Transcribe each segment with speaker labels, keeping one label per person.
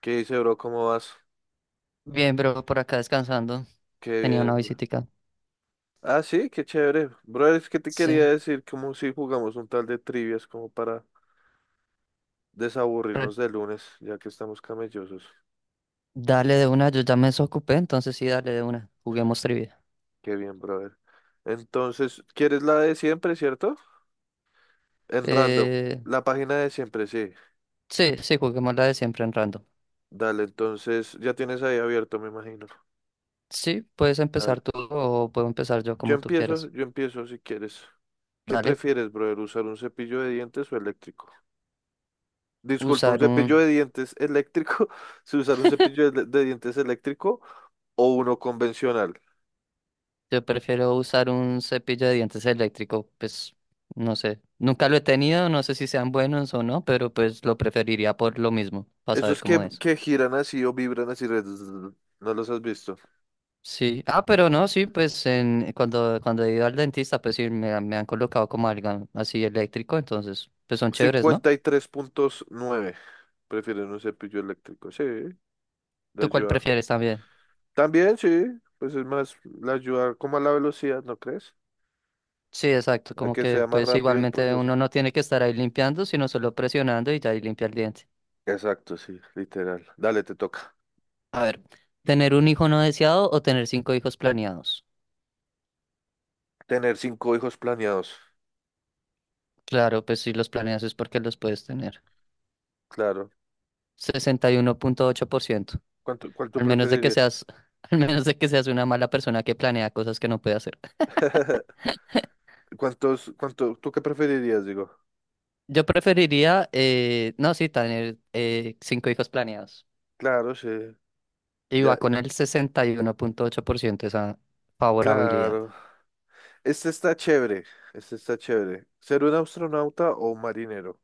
Speaker 1: ¿Qué dice, bro? ¿Cómo vas?
Speaker 2: Bien, bro, por acá descansando.
Speaker 1: Qué
Speaker 2: Tenía
Speaker 1: bien,
Speaker 2: una
Speaker 1: bro.
Speaker 2: visitica.
Speaker 1: Ah, sí, qué chévere. Bro, es que te quería
Speaker 2: Sí.
Speaker 1: decir como si jugamos un tal de trivias como para
Speaker 2: Re-
Speaker 1: desaburrirnos de lunes, ya que estamos camellosos.
Speaker 2: Dale de una, yo ya me desocupé, entonces sí, dale de una. Juguemos trivia.
Speaker 1: Qué bien, brother. Entonces, ¿quieres la de siempre, cierto? En random.
Speaker 2: Eh,
Speaker 1: La página de siempre, sí.
Speaker 2: sí, sí, juguemos la de siempre en random.
Speaker 1: Dale, entonces ya tienes ahí abierto, me imagino.
Speaker 2: Sí, puedes empezar
Speaker 1: Dale.
Speaker 2: tú o puedo empezar yo como tú quieras.
Speaker 1: Yo empiezo si quieres. ¿Qué
Speaker 2: Dale.
Speaker 1: prefieres, brother? ¿Usar un cepillo de dientes o eléctrico? Disculpa, ¿un
Speaker 2: Usar
Speaker 1: cepillo
Speaker 2: un...
Speaker 1: de dientes eléctrico? ¿Se usar un cepillo de dientes eléctrico o uno convencional?
Speaker 2: Yo prefiero usar un cepillo de dientes eléctrico, pues no sé. Nunca lo he tenido, no sé si sean buenos o no, pero pues lo preferiría por lo mismo, para saber
Speaker 1: Esos que,
Speaker 2: cómo es.
Speaker 1: que giran así o vibran así, ¿no los has visto?
Speaker 2: Sí, ah, pero no, sí, pues cuando he ido al dentista, pues sí, me han colocado como algo así eléctrico, entonces, pues son chéveres, ¿no?
Speaker 1: 53,9 prefieren un cepillo eléctrico. Sí, le
Speaker 2: ¿Tú cuál
Speaker 1: ayuda.
Speaker 2: prefieres también?
Speaker 1: También sí, pues es más, le ayuda como a la velocidad, ¿no crees?
Speaker 2: Sí, exacto,
Speaker 1: A
Speaker 2: como
Speaker 1: que
Speaker 2: que
Speaker 1: sea más
Speaker 2: pues
Speaker 1: rápido el
Speaker 2: igualmente
Speaker 1: proceso.
Speaker 2: uno no tiene que estar ahí limpiando, sino solo presionando y ya ahí limpia el diente.
Speaker 1: Exacto, sí, literal. Dale, te toca.
Speaker 2: A ver, ¿tener un hijo no deseado o tener cinco hijos planeados?
Speaker 1: Tener cinco hijos planeados.
Speaker 2: Claro, pues si los planeas es porque los puedes tener.
Speaker 1: Claro.
Speaker 2: 61,8%,
Speaker 1: ¿Cuál tú
Speaker 2: al menos de que
Speaker 1: preferirías?
Speaker 2: seas, al menos de que seas una mala persona que planea cosas que no puede hacer.
Speaker 1: ¿Tú qué preferirías? Digo,
Speaker 2: Yo preferiría, no, sí, tener cinco hijos planeados.
Speaker 1: claro, sí,
Speaker 2: Y va
Speaker 1: ya,
Speaker 2: con el 61,8% esa favorabilidad.
Speaker 1: claro. Este está chévere, este está chévere. ¿Ser un astronauta o un marinero?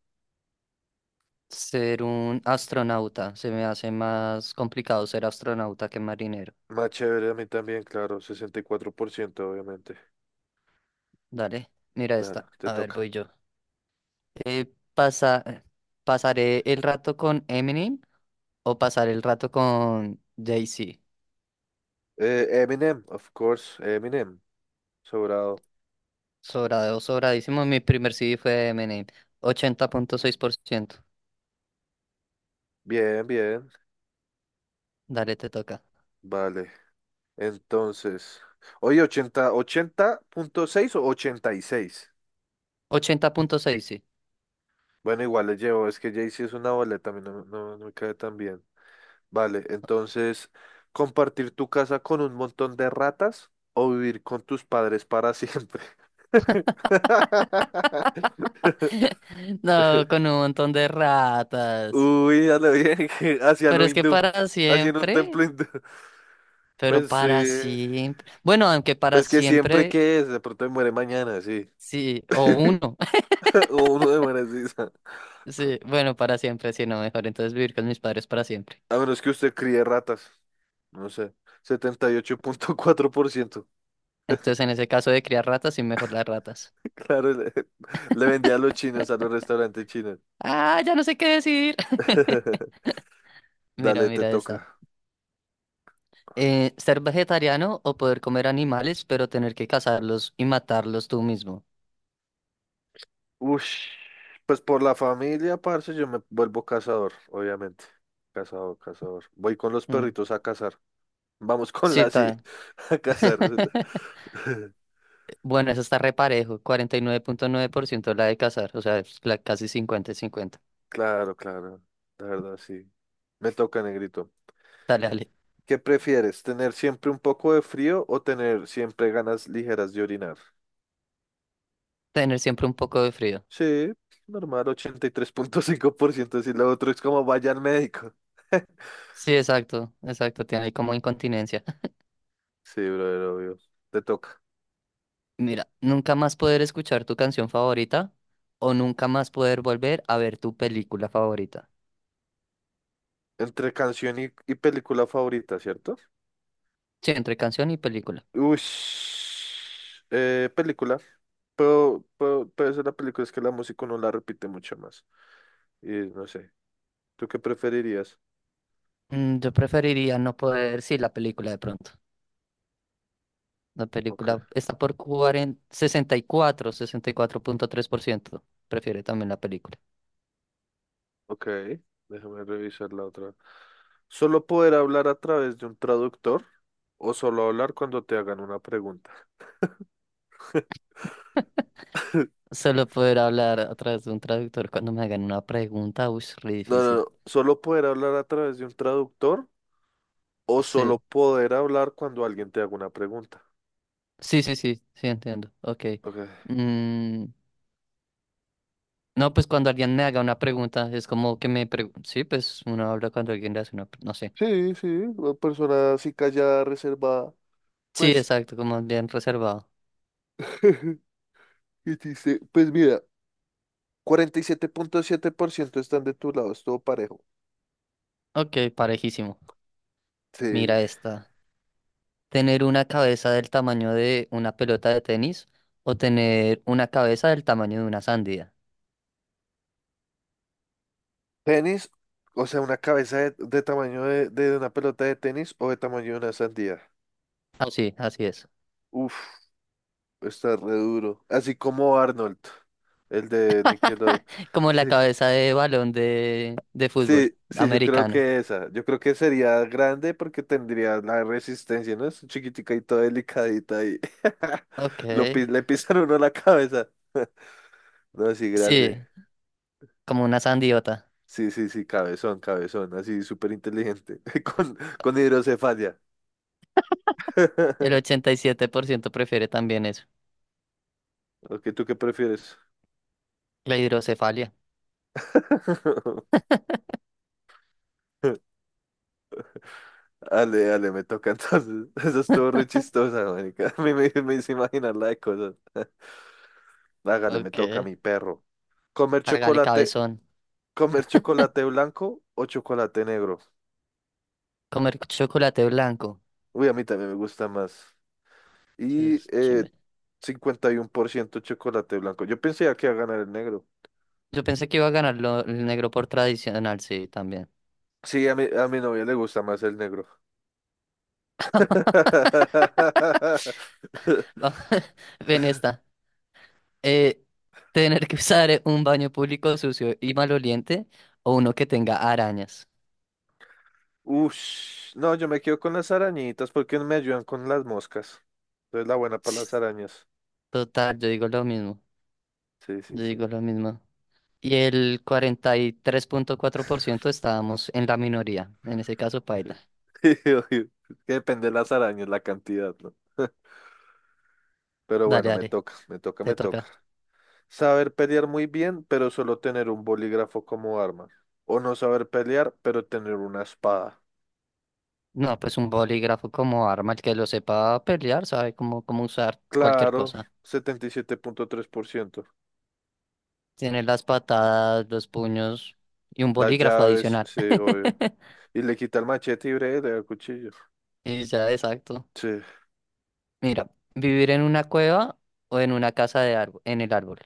Speaker 2: Ser un astronauta, se me hace más complicado ser astronauta que marinero.
Speaker 1: Más chévere a mí también, claro, 64% obviamente.
Speaker 2: Dale, mira
Speaker 1: Claro,
Speaker 2: esta.
Speaker 1: te
Speaker 2: A ver,
Speaker 1: toca.
Speaker 2: voy yo. Eh, pasa, ¿Pasaré el rato con Eminem o pasar el rato con Jay-Z?
Speaker 1: Eminem, of course, Eminem, sobrado.
Speaker 2: Sobrado, sobradísimo. Mi primer CD fue Eminem. 80,6%.
Speaker 1: Bien, bien,
Speaker 2: Dale, te toca.
Speaker 1: vale. Entonces, oye, 80,6 o 86.
Speaker 2: 80,6.
Speaker 1: Bueno, igual le llevo, es que Jay-Z es una boleta, a mí no, no, no me cae tan bien. Vale, entonces, ¿compartir tu casa con un montón de ratas o vivir con tus padres para siempre?
Speaker 2: No, con un montón de ratas.
Speaker 1: Uy, a lo bien, hacia
Speaker 2: Pero
Speaker 1: lo
Speaker 2: es que
Speaker 1: hindú,
Speaker 2: para
Speaker 1: hacia un
Speaker 2: siempre,
Speaker 1: templo hindú.
Speaker 2: pero
Speaker 1: Pues,
Speaker 2: para
Speaker 1: eh,
Speaker 2: siempre. Bueno, aunque para
Speaker 1: pues que siempre
Speaker 2: siempre,
Speaker 1: que es, de pronto me muere mañana, sí.
Speaker 2: sí, o uno.
Speaker 1: O uno de muere así.
Speaker 2: Sí, bueno, para siempre, sí, no, mejor entonces vivir con mis padres para siempre.
Speaker 1: A menos que usted críe ratas, no sé. 78,4%.
Speaker 2: Entonces, en ese caso de criar ratas, sí, mejor las ratas.
Speaker 1: Claro, le vendía a los chinos, a los restaurantes chinos.
Speaker 2: Ah, ya no sé qué decir. Mira,
Speaker 1: Dale, te
Speaker 2: mira esta.
Speaker 1: toca.
Speaker 2: Ser vegetariano o poder comer animales, pero tener que cazarlos y matarlos tú mismo.
Speaker 1: Ush, pues por la familia, parce, yo me vuelvo cazador, obviamente. Cazador, cazador. Voy con los
Speaker 2: Mm,
Speaker 1: perritos a cazar. Vamos con
Speaker 2: sí,
Speaker 1: la sí,
Speaker 2: tal.
Speaker 1: a cazar.
Speaker 2: Bueno, eso está reparejo, cuarenta y nueve punto nueve por ciento la de cazar, o sea, es la casi 50 cincuenta.
Speaker 1: Claro, claro. La verdad, sí. Me toca, negrito.
Speaker 2: Dale, dale.
Speaker 1: ¿Qué prefieres? ¿Tener siempre un poco de frío o tener siempre ganas ligeras de orinar?
Speaker 2: Tener siempre un poco de frío.
Speaker 1: Sí, normal, 83,5%. Si lo otro es como vaya al médico.
Speaker 2: Sí, exacto, exacto, tiene ahí como incontinencia.
Speaker 1: Sí, brother, obvio. Te toca.
Speaker 2: Mira, nunca más poder escuchar tu canción favorita o nunca más poder volver a ver tu película favorita.
Speaker 1: Entre canción y película favorita, ¿cierto?
Speaker 2: Sí, entre canción y película.
Speaker 1: Uy, película. Pero esa es la película, es que la música no la repite mucho más. Y no sé, ¿tú qué preferirías?
Speaker 2: Yo preferiría no poder, sí, la película de pronto. La
Speaker 1: Ok,
Speaker 2: película está por 64,3%. Prefiere también la película.
Speaker 1: ok, déjame revisar la otra. ¿Solo poder hablar a través de un traductor o solo hablar cuando te hagan una pregunta?
Speaker 2: Solo poder hablar a través de un traductor cuando me hagan una pregunta, uy, es re
Speaker 1: No, no,
Speaker 2: difícil.
Speaker 1: no, solo poder hablar a través de un traductor o solo
Speaker 2: Sí,
Speaker 1: poder hablar cuando alguien te haga una pregunta.
Speaker 2: sí, sí, sí, sí, entiendo. Ok.
Speaker 1: Ok.
Speaker 2: Mm, no, pues cuando alguien me haga una pregunta, es como que me pregunta. Sí, pues uno habla cuando alguien le hace una. No sé.
Speaker 1: Sí, sí, una persona así callada, reservada.
Speaker 2: Sí,
Speaker 1: Pues,
Speaker 2: exacto, como bien reservado.
Speaker 1: ¿qué dice? Pues mira, cuarenta y siete punto siete por ciento están de tu lado, es todo parejo.
Speaker 2: Ok, parejísimo.
Speaker 1: Sí.
Speaker 2: Mira esta. ¿Tener una cabeza del tamaño de una pelota de tenis o tener una cabeza del tamaño de una sandía?
Speaker 1: Tenis, o sea, una cabeza de tamaño de una pelota de tenis o de tamaño de una sandía.
Speaker 2: Ah, sí, así es.
Speaker 1: Uf, está re duro. Así como Arnold, el de Nickelodeon.
Speaker 2: Como
Speaker 1: Sí.
Speaker 2: la cabeza de balón de fútbol
Speaker 1: Sí, sí, yo creo
Speaker 2: americano.
Speaker 1: que esa. Yo creo que sería grande porque tendría la resistencia, ¿no? Es chiquitica y toda delicadita y
Speaker 2: Ok.
Speaker 1: le pisan uno la cabeza. No, sí, grande.
Speaker 2: Sí, como una sandiota.
Speaker 1: Sí, sí, sí, cabezón, cabezón, así súper inteligente, con hidrocefalia.
Speaker 2: El 87% prefiere también eso.
Speaker 1: Ok, ¿tú qué prefieres?
Speaker 2: La hidrocefalia.
Speaker 1: Dale, me toca entonces. Eso estuvo re chistosa, marica. A mí me hizo imaginar la de cosas. Hágale, me toca a
Speaker 2: Ok.
Speaker 1: mi perro. Comer
Speaker 2: Hágale,
Speaker 1: chocolate
Speaker 2: cabezón.
Speaker 1: ¿Comer chocolate blanco o chocolate negro?
Speaker 2: Comer chocolate blanco.
Speaker 1: Uy, a mí también me gusta más.
Speaker 2: Sí,
Speaker 1: Y,
Speaker 2: es chimbe.
Speaker 1: 51% chocolate blanco. Yo pensé que iba a ganar el negro.
Speaker 2: Yo pensé que iba a ganar el negro por tradicional, sí, también.
Speaker 1: Sí, a mi novia le gusta más el negro.
Speaker 2: Va- Ven esta. Eh, Tener que usar un baño público sucio y maloliente o uno que tenga arañas.
Speaker 1: Ush, no, yo me quedo con las arañitas porque me ayudan con las moscas. Entonces la buena para las
Speaker 2: Ts,
Speaker 1: arañas.
Speaker 2: total, yo digo lo mismo.
Speaker 1: Sí, sí,
Speaker 2: Yo digo
Speaker 1: sí,
Speaker 2: lo mismo. Y el 43,4% estábamos en la minoría. En ese caso,
Speaker 1: sí.
Speaker 2: paila.
Speaker 1: Obvio. Es que depende de las arañas, la cantidad, ¿no? Pero
Speaker 2: Dale,
Speaker 1: bueno, me
Speaker 2: dale,
Speaker 1: toca, me toca,
Speaker 2: te
Speaker 1: me toca.
Speaker 2: toca.
Speaker 1: Saber pelear muy bien, pero solo tener un bolígrafo como arma. O no saber pelear, pero tener una espada.
Speaker 2: No, pues un bolígrafo como arma, el que lo sepa pelear, sabe cómo, cómo usar cualquier
Speaker 1: Claro,
Speaker 2: cosa.
Speaker 1: 77,3%.
Speaker 2: Tiene las patadas, los puños y un
Speaker 1: Las
Speaker 2: bolígrafo
Speaker 1: llaves,
Speaker 2: adicional.
Speaker 1: sí, obvio. Y le quita el machete y breve, le da el cuchillo.
Speaker 2: Y ya, exacto.
Speaker 1: Sí.
Speaker 2: Mira, vivir en una cueva o en una casa de árbol, en el árbol.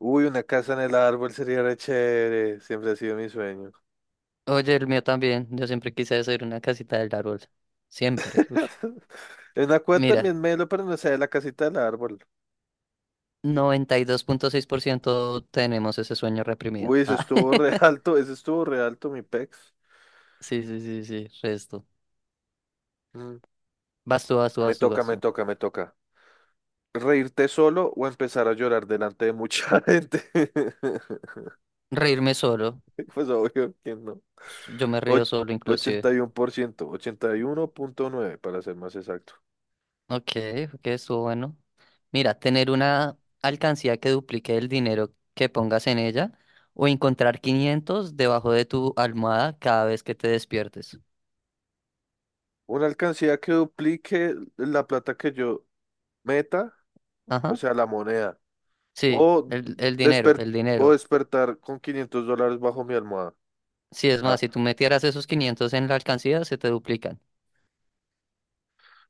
Speaker 1: Uy, una casa en el árbol sería re chévere. Siempre ha sido mi sueño.
Speaker 2: Oye, el mío también. Yo siempre quise hacer una casita del árbol. Siempre. Ush.
Speaker 1: En la cueva
Speaker 2: Mira,
Speaker 1: también me lo, pero no sé, la casita del árbol.
Speaker 2: 92,6% tenemos ese sueño reprimido.
Speaker 1: Uy, ese
Speaker 2: Ah,
Speaker 1: estuvo re alto, ese estuvo re alto, mi pex.
Speaker 2: sí, sí, sí, sí, resto.
Speaker 1: Mm,
Speaker 2: Vas tú, vas tú,
Speaker 1: Me
Speaker 2: vas tú,
Speaker 1: toca,
Speaker 2: vas
Speaker 1: me
Speaker 2: tú.
Speaker 1: toca, me toca. ¿Reírte solo o empezar a llorar delante de mucha gente?
Speaker 2: Reírme solo.
Speaker 1: Pues obvio que no.
Speaker 2: Yo me río
Speaker 1: Och-
Speaker 2: solo inclusive.
Speaker 1: 81%, 81,9 para ser más exacto.
Speaker 2: Ok, ok, estuvo bueno. Mira, tener una alcancía que duplique el dinero que pongas en ella o encontrar 500 debajo de tu almohada cada vez que te despiertes.
Speaker 1: Una alcancía que duplique la plata que yo meta, o
Speaker 2: Ajá.
Speaker 1: sea, la moneda.
Speaker 2: Sí,
Speaker 1: O,
Speaker 2: el dinero,
Speaker 1: desper-
Speaker 2: el
Speaker 1: o
Speaker 2: dinero.
Speaker 1: despertar con $500 bajo mi almohada.
Speaker 2: Sí, es más,
Speaker 1: Ah,
Speaker 2: si tú metieras esos 500 en la alcancía, se te duplican.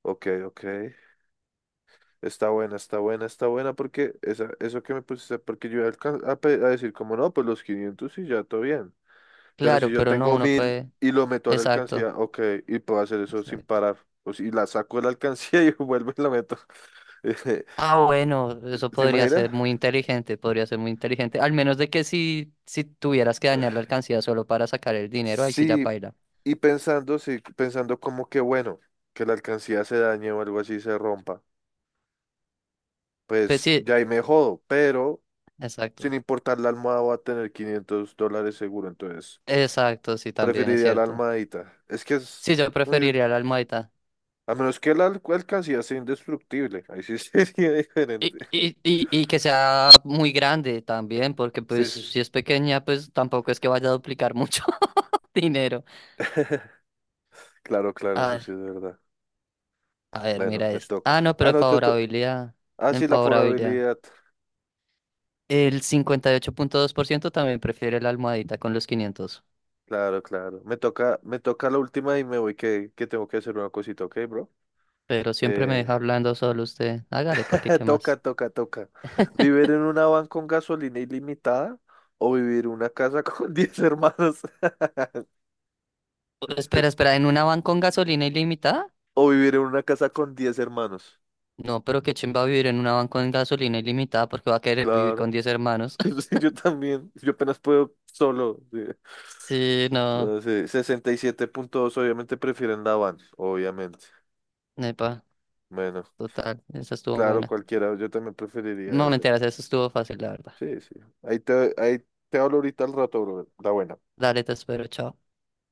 Speaker 1: ok, ok. Está buena, está buena, está buena porque eso que me pusiste, porque yo iba a alcan- a pe- a decir como no, pues los 500 y ya todo bien. Pero si
Speaker 2: Claro,
Speaker 1: yo
Speaker 2: pero no,
Speaker 1: tengo
Speaker 2: uno
Speaker 1: 1.000
Speaker 2: puede...
Speaker 1: y lo meto a la
Speaker 2: Exacto,
Speaker 1: alcancía, ok, y puedo hacer eso sin
Speaker 2: exacto.
Speaker 1: parar. O si la saco de la alcancía y vuelvo y la meto. Eh,
Speaker 2: Ah, bueno, eso
Speaker 1: ¿Se
Speaker 2: podría
Speaker 1: imagina?
Speaker 2: ser muy inteligente, podría ser muy inteligente. Al menos de que si tuvieras que dañar la alcancía solo para sacar el dinero, ahí sí ya
Speaker 1: Sí,
Speaker 2: paila.
Speaker 1: y pensando, sí, pensando como que bueno, que la alcancía se dañe o algo así se rompa,
Speaker 2: Pues
Speaker 1: pues
Speaker 2: sí,
Speaker 1: ya ahí me jodo, pero sin
Speaker 2: exacto.
Speaker 1: importar la almohada voy a tener $500 seguro, entonces
Speaker 2: Exacto, sí, también es
Speaker 1: preferiría la
Speaker 2: cierto.
Speaker 1: almohadita. Es que es
Speaker 2: Sí, yo
Speaker 1: muy.
Speaker 2: preferiría la almohadita.
Speaker 1: A menos que alcancía sea indestructible, ahí sí sería diferente.
Speaker 2: Y que sea muy grande también, porque pues
Speaker 1: Sí, sí, sí.
Speaker 2: si es pequeña, pues tampoco es que vaya a duplicar mucho dinero.
Speaker 1: Claro, claro,
Speaker 2: A
Speaker 1: eso
Speaker 2: ver,
Speaker 1: sí es verdad.
Speaker 2: a ver,
Speaker 1: Bueno,
Speaker 2: mira
Speaker 1: me
Speaker 2: esto. Ah,
Speaker 1: toca.
Speaker 2: no, pero
Speaker 1: Ah,
Speaker 2: en
Speaker 1: no, te toca.
Speaker 2: favorabilidad,
Speaker 1: Ah,
Speaker 2: en
Speaker 1: sí, la
Speaker 2: favorabilidad.
Speaker 1: forabilidad.
Speaker 2: El 58,2% también prefiere la almohadita con los 500,
Speaker 1: Claro, claro. Me toca la última y me voy que tengo que hacer una cosita, ¿ok, bro?
Speaker 2: pero siempre me deja
Speaker 1: Eh,
Speaker 2: hablando solo usted. Hágale, porque qué
Speaker 1: toca,
Speaker 2: más.
Speaker 1: toca, toca. ¿Vivir en una van con gasolina ilimitada o vivir en una casa con 10 hermanos?
Speaker 2: Espera, espera, ¿en una van con gasolina ilimitada?
Speaker 1: O vivir en una casa con 10 hermanos.
Speaker 2: No, pero qué va a vivir en una van con gasolina ilimitada porque va a querer vivir con
Speaker 1: Claro.
Speaker 2: 10 hermanos.
Speaker 1: Sí, yo también. Yo apenas puedo solo, sí.
Speaker 2: Sí, no,
Speaker 1: No sé, 67,2, obviamente prefieren la van, obviamente.
Speaker 2: nepa,
Speaker 1: Bueno.
Speaker 2: total, esa estuvo
Speaker 1: Claro,
Speaker 2: buena.
Speaker 1: cualquiera, yo también preferiría
Speaker 2: No,
Speaker 1: eso.
Speaker 2: mentiras, eso estuvo fácil, la verdad.
Speaker 1: Sí, sí. Ahí te hablo ahorita al rato, bro. La buena.
Speaker 2: Dale, te espero, chao.